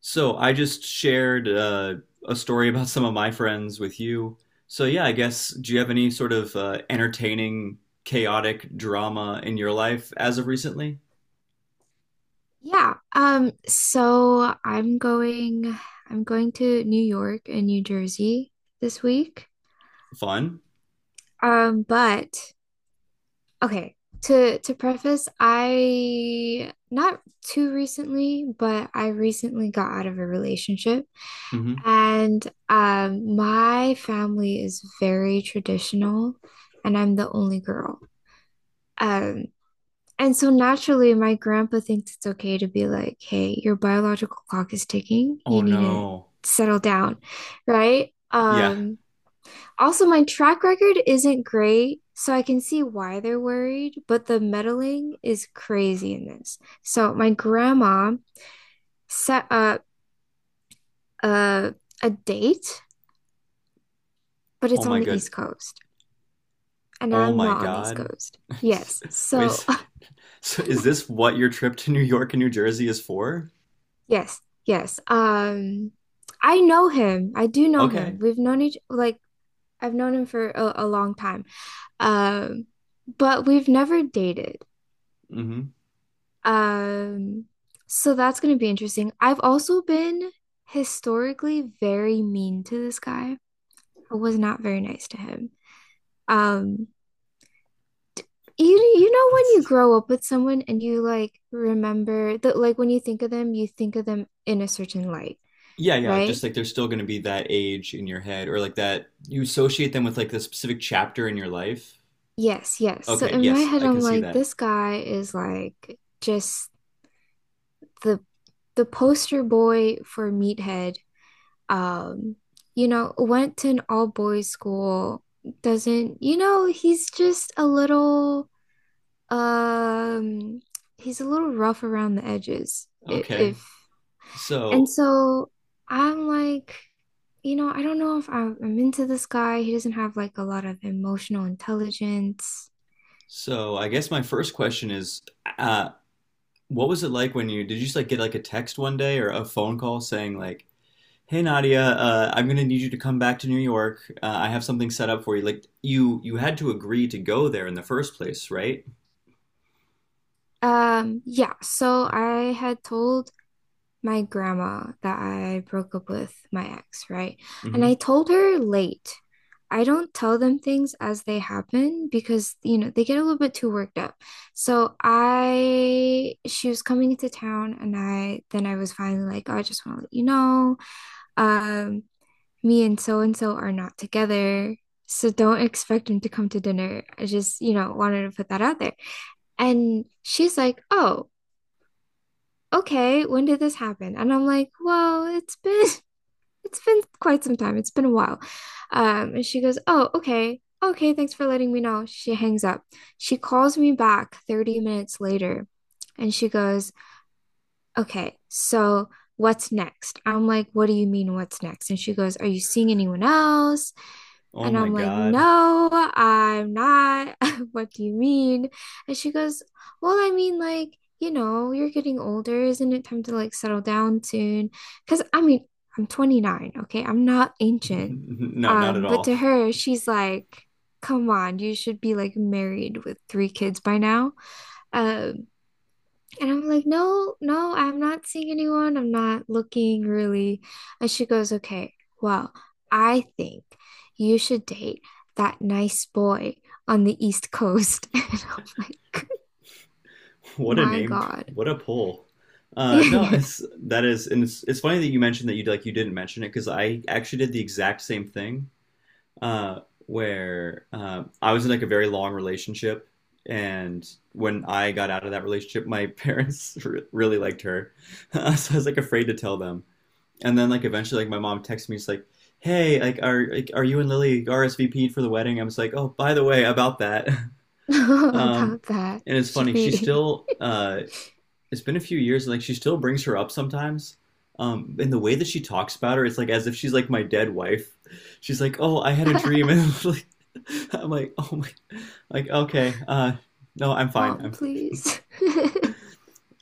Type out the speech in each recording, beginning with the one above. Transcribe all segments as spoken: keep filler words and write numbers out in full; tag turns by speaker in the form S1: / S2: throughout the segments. S1: So I just shared uh, a story about some of my friends with you. So yeah, I guess do you have any sort of uh, entertaining, chaotic drama in your life as of recently?
S2: Yeah. Um, so I'm going I'm going to New York and New Jersey this week.
S1: Fun?
S2: Um, but okay, to to preface, I not too recently, but I recently got out of a relationship,
S1: Hmm.
S2: and um my family is very traditional, and I'm the only girl. Um, And so naturally, my grandpa thinks it's okay to be like, hey, your biological clock is ticking. You
S1: Oh
S2: need to
S1: no.
S2: settle down, right?
S1: Yeah.
S2: Um, also, my track record isn't great, so I can see why they're worried, but the meddling is crazy in this. So my grandma set up a, a date, but
S1: Oh
S2: it's on
S1: my
S2: the
S1: good.
S2: East Coast, and
S1: Oh
S2: I'm
S1: my
S2: not on the East
S1: God.
S2: Coast. Yes.
S1: Wait a
S2: So
S1: second. So is this what your trip to New York and New Jersey is for?
S2: yes, yes. Um, I know him. I do know
S1: Okay.
S2: him. We've known each like I've known him for a, a long time. Um, but we've never dated.
S1: Hmm.
S2: Um, so that's gonna be interesting. I've also been historically very mean to this guy. I was not very nice to him. Um, you you know when you
S1: That's
S2: grow up with someone and you like remember that like when you think of them, you think of them in a certain light,
S1: Yeah, yeah, like just
S2: right?
S1: like there's still going to be that age in your head or like that you associate them with like the specific chapter in your life.
S2: Yes, yes. So
S1: Okay,
S2: in my
S1: yes,
S2: head,
S1: I can
S2: I'm
S1: see
S2: like,
S1: that.
S2: this guy is like just the the poster boy for meathead. Um, you know, went to an all boys school, doesn't, you know, he's just a little um he's a little rough around the edges. If,
S1: Okay.
S2: if And
S1: So,
S2: so I'm like, you know, I don't know if I'm, I'm into this guy. He doesn't have like a lot of emotional intelligence.
S1: so I guess my first question is, uh, what was it like when you did you just like get like a text one day or a phone call saying like, "Hey Nadia, uh, I'm gonna need you to come back to New York. Uh, I have something set up for you." Like you you had to agree to go there in the first place, right?
S2: Um, yeah, so I had told my grandma that I broke up with my ex, right? And I
S1: Mm-hmm.
S2: told her late. I don't tell them things as they happen because, you know, they get a little bit too worked up. So I, she was coming into town, and I, then I was finally like, oh, I just want to let you know, um, me and so and so are not together. So don't expect him to come to dinner. I just, you know, wanted to put that out there. And she's like, oh, okay, when did this happen? And I'm like, well, it's been it's been quite some time. It's been a while. Um, and she goes, oh, okay. Okay, thanks for letting me know. She hangs up. She calls me back thirty minutes later and she goes, okay, so what's next? I'm like, what do you mean, what's next? And she goes, are you seeing anyone else?
S1: Oh
S2: And
S1: my
S2: I'm like,
S1: God.
S2: no, I'm not. What do you mean? And she goes, well, I mean, like, you know, you're getting older. Isn't it time to like settle down soon? Because I mean, I'm twenty-nine, okay? I'm not ancient.
S1: No, not at
S2: Um, but
S1: all.
S2: to her, she's like, come on, you should be like married with three kids by now. Um, and I'm like, no, no, I'm not seeing anyone. I'm not looking really. And she goes, okay, well, I think you should date that nice boy on the East Coast. And I'm like,
S1: What a
S2: my
S1: name.
S2: God.
S1: What a pull. Uh, no, it's that is, and it's it's funny that you mentioned that you like you didn't mention it because I actually did the exact same thing. Uh, where uh, I was in like a very long relationship, and when I got out of that relationship, my parents re really liked her, so I was like afraid to tell them. And then like eventually, like my mom texted me, she's like, "Hey, like are like, are you and Lily R S V P'd for the wedding?" I was like, "Oh, by the way, about that." Um,
S2: About that.
S1: and it's
S2: Should
S1: funny, she
S2: we?
S1: still uh, it's been a few years and like she still brings her up sometimes. Um, and the way that she talks about her, it's like as if she's like my dead wife. She's like, "Oh, I had a dream," and I'm like, I'm like, "Oh my, like okay, uh, no, I'm fine."
S2: Mom,
S1: I'm,
S2: please.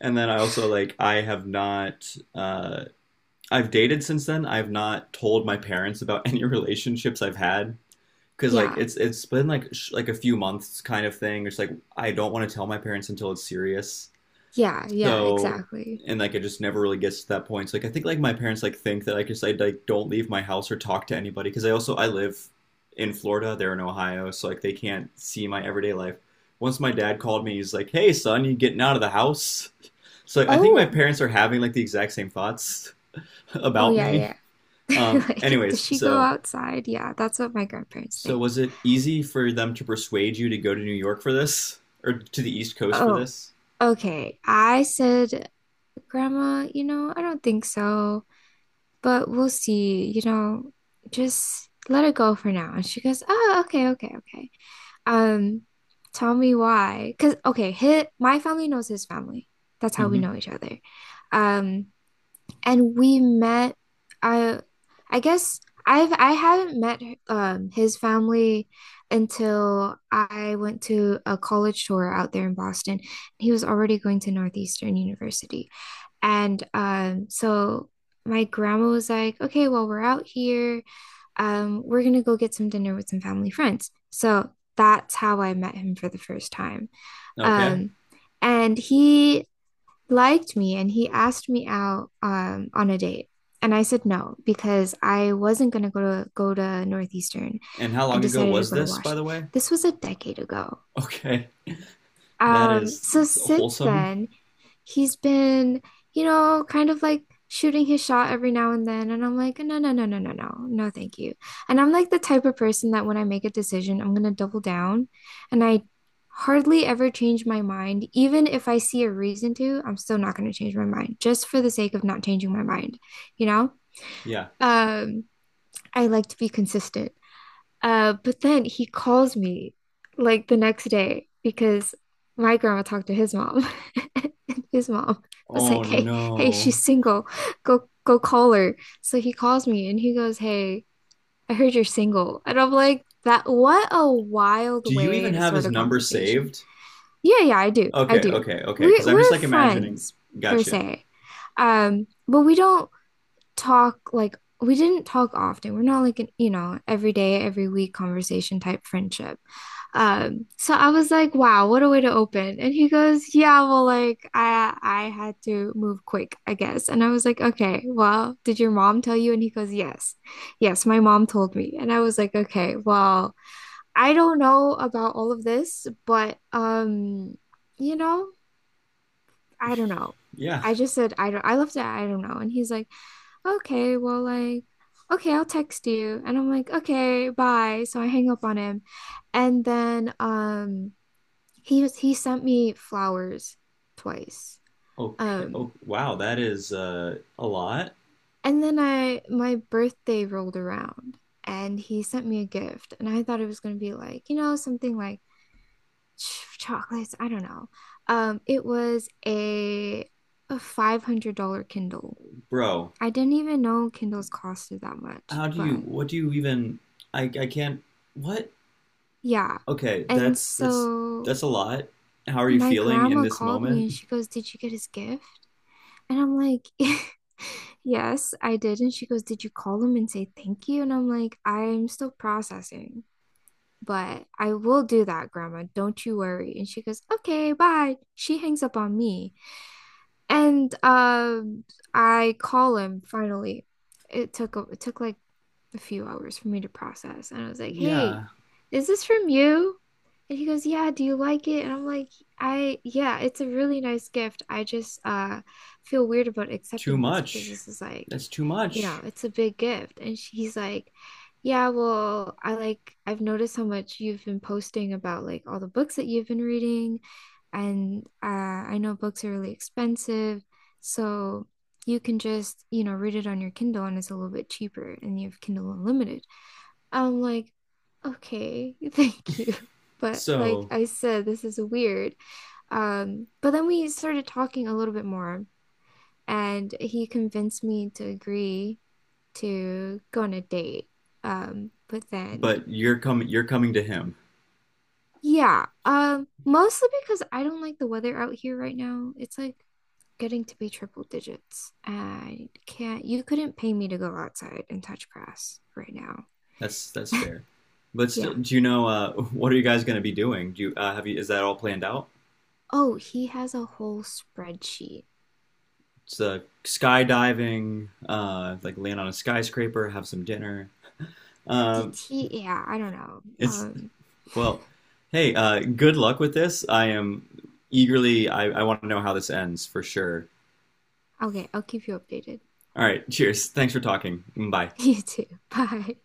S1: And then I also like I have not, uh, I've dated since then. I've not told my parents about any relationships I've had because like
S2: Yeah.
S1: it's it's been like sh- like a few months kind of thing. It's like I don't want to tell my parents until it's serious.
S2: Yeah. Yeah.
S1: So,
S2: Exactly.
S1: and like it just never really gets to that point. So, like I think like my parents like think that I just I like don't leave my house or talk to anybody because I also I live in Florida, they're in Ohio, so like they can't see my everyday life. Once my dad called me, he's like, "Hey son, you getting out of the house?" So like, I think my
S2: Oh.
S1: parents are having like the exact same thoughts
S2: Oh,
S1: about
S2: yeah.
S1: me.
S2: Yeah.
S1: Um,
S2: Like, does
S1: anyways,
S2: she go
S1: so
S2: outside? Yeah. That's what my grandparents
S1: so
S2: think.
S1: was it easy for them to persuade you to go to New York for this or to the East Coast for
S2: Oh.
S1: this?
S2: Okay, I said, Grandma, you know, I don't think so, but we'll see. You know, just let it go for now. And she goes, oh, okay, okay, okay. Um, tell me why. Because, okay, his, my family knows his family. That's how we
S1: Hmm.
S2: know each other. Um, and we met, I, I guess I've, I haven't met, um, his family until I went to a college tour out there in Boston. He was already going to Northeastern University. And um, so my grandma was like, okay, well, we're out here. Um, we're gonna go get some dinner with some family friends. So that's how I met him for the first time.
S1: Okay.
S2: Um, and he liked me and he asked me out um, on a date. And I said no because I wasn't gonna go to go to Northeastern.
S1: And how
S2: I
S1: long ago
S2: decided to
S1: was
S2: go to
S1: this, by the
S2: Washington.
S1: way?
S2: This was a decade ago.
S1: Okay, that
S2: Um,
S1: is
S2: so
S1: it's
S2: since
S1: wholesome.
S2: then, he's been, you know, kind of like shooting his shot every now and then. And I'm like, no, no, no, no, no, no, no, thank you. And I'm like the type of person that when I make a decision, I'm gonna double down. And I hardly ever change my mind. Even if I see a reason to, I'm still not gonna change my mind just for the sake of not changing my mind, you know?
S1: Yeah.
S2: Um, I like to be consistent. Uh, but then he calls me like the next day because my grandma talked to his mom. And his mom was
S1: Oh
S2: like, "Hey, hey,
S1: no.
S2: she's single. Go go call her." So he calls me and he goes, "Hey, I heard you're single." And I'm like, "That what a wild
S1: Do you
S2: way
S1: even
S2: to
S1: have
S2: start
S1: his
S2: a
S1: number
S2: conversation."
S1: saved?
S2: Yeah, yeah, I do. I
S1: Okay,
S2: do.
S1: okay, okay.
S2: We
S1: Because I'm just
S2: we're
S1: like imagining.
S2: friends per
S1: Gotcha.
S2: se. Um, but we don't talk, like we didn't talk often. We're not like an, you know, every day, every week conversation type friendship. Um, so I was like, wow, what a way to open. And he goes, yeah, well, like I I had to move quick, I guess. And I was like, okay, well, did your mom tell you? And he goes, yes. Yes, my mom told me. And I was like, okay, well, I don't know about all of this, but um, you know, I don't know.
S1: Yeah.
S2: I just said I don't I left it, I don't know. And he's like, okay, well, like, okay, I'll text you. And I'm like, okay, bye. So I hang up on him. And then um he was he sent me flowers twice.
S1: Okay.
S2: Um,
S1: Oh, wow. That is uh, a lot,
S2: and then I my birthday rolled around and he sent me a gift, and I thought it was gonna be like, you know, something like ch- chocolates, I don't know. Um, it was a a five hundred dollar Kindle.
S1: bro.
S2: I didn't even know Kindles costed that much,
S1: How do you?
S2: but
S1: What do you even? I I can't. What?
S2: yeah.
S1: Okay.
S2: And
S1: That's that's
S2: so
S1: that's a lot. How are you
S2: my
S1: feeling in
S2: grandma
S1: this
S2: called me and
S1: moment?
S2: she goes, did you get his gift? And I'm like, yes, I did. And she goes, did you call him and say thank you? And I'm like, I'm still processing, but I will do that, Grandma. Don't you worry. And she goes, okay, bye. She hangs up on me. And um, I call him finally. It took a, it took like a few hours for me to process, and I was like, "Hey,
S1: Yeah.
S2: is this from you?" And he goes, "Yeah, do you like it?" And I'm like, "I yeah, it's a really nice gift. I just uh feel weird about
S1: Too
S2: accepting this because
S1: much.
S2: this is like,
S1: That's too
S2: you know,
S1: much.
S2: it's a big gift." And she's like, "Yeah, well, I like I've noticed how much you've been posting about like all the books that you've been reading." And uh, I know books are really expensive, so you can just, you know, read it on your Kindle and it's a little bit cheaper and you have Kindle Unlimited. I'm like, okay, thank you. But like
S1: So
S2: I said, this is weird. Um, but then we started talking a little bit more, and he convinced me to agree to go on a date. Um, but then
S1: but you're coming you're coming to him.
S2: yeah, um, mostly because I don't like the weather out here right now. It's like getting to be triple digits. I can't, you couldn't pay me to go outside and touch grass right now.
S1: That's that's fair. But still,
S2: Yeah.
S1: do you know uh, what are you guys going to be doing? Do you uh, have you is that all planned out?
S2: Oh, he has a whole spreadsheet.
S1: It's uh, skydiving, uh, like land on a skyscraper, have some dinner.
S2: D-
S1: Um,
S2: T yeah, I don't know.
S1: it's
S2: Um,
S1: Well, hey, uh, good luck with this. I am eagerly. I, I want to know how this ends for sure.
S2: okay, I'll keep you updated.
S1: All right, cheers. Thanks for talking. Bye.
S2: You too. Bye.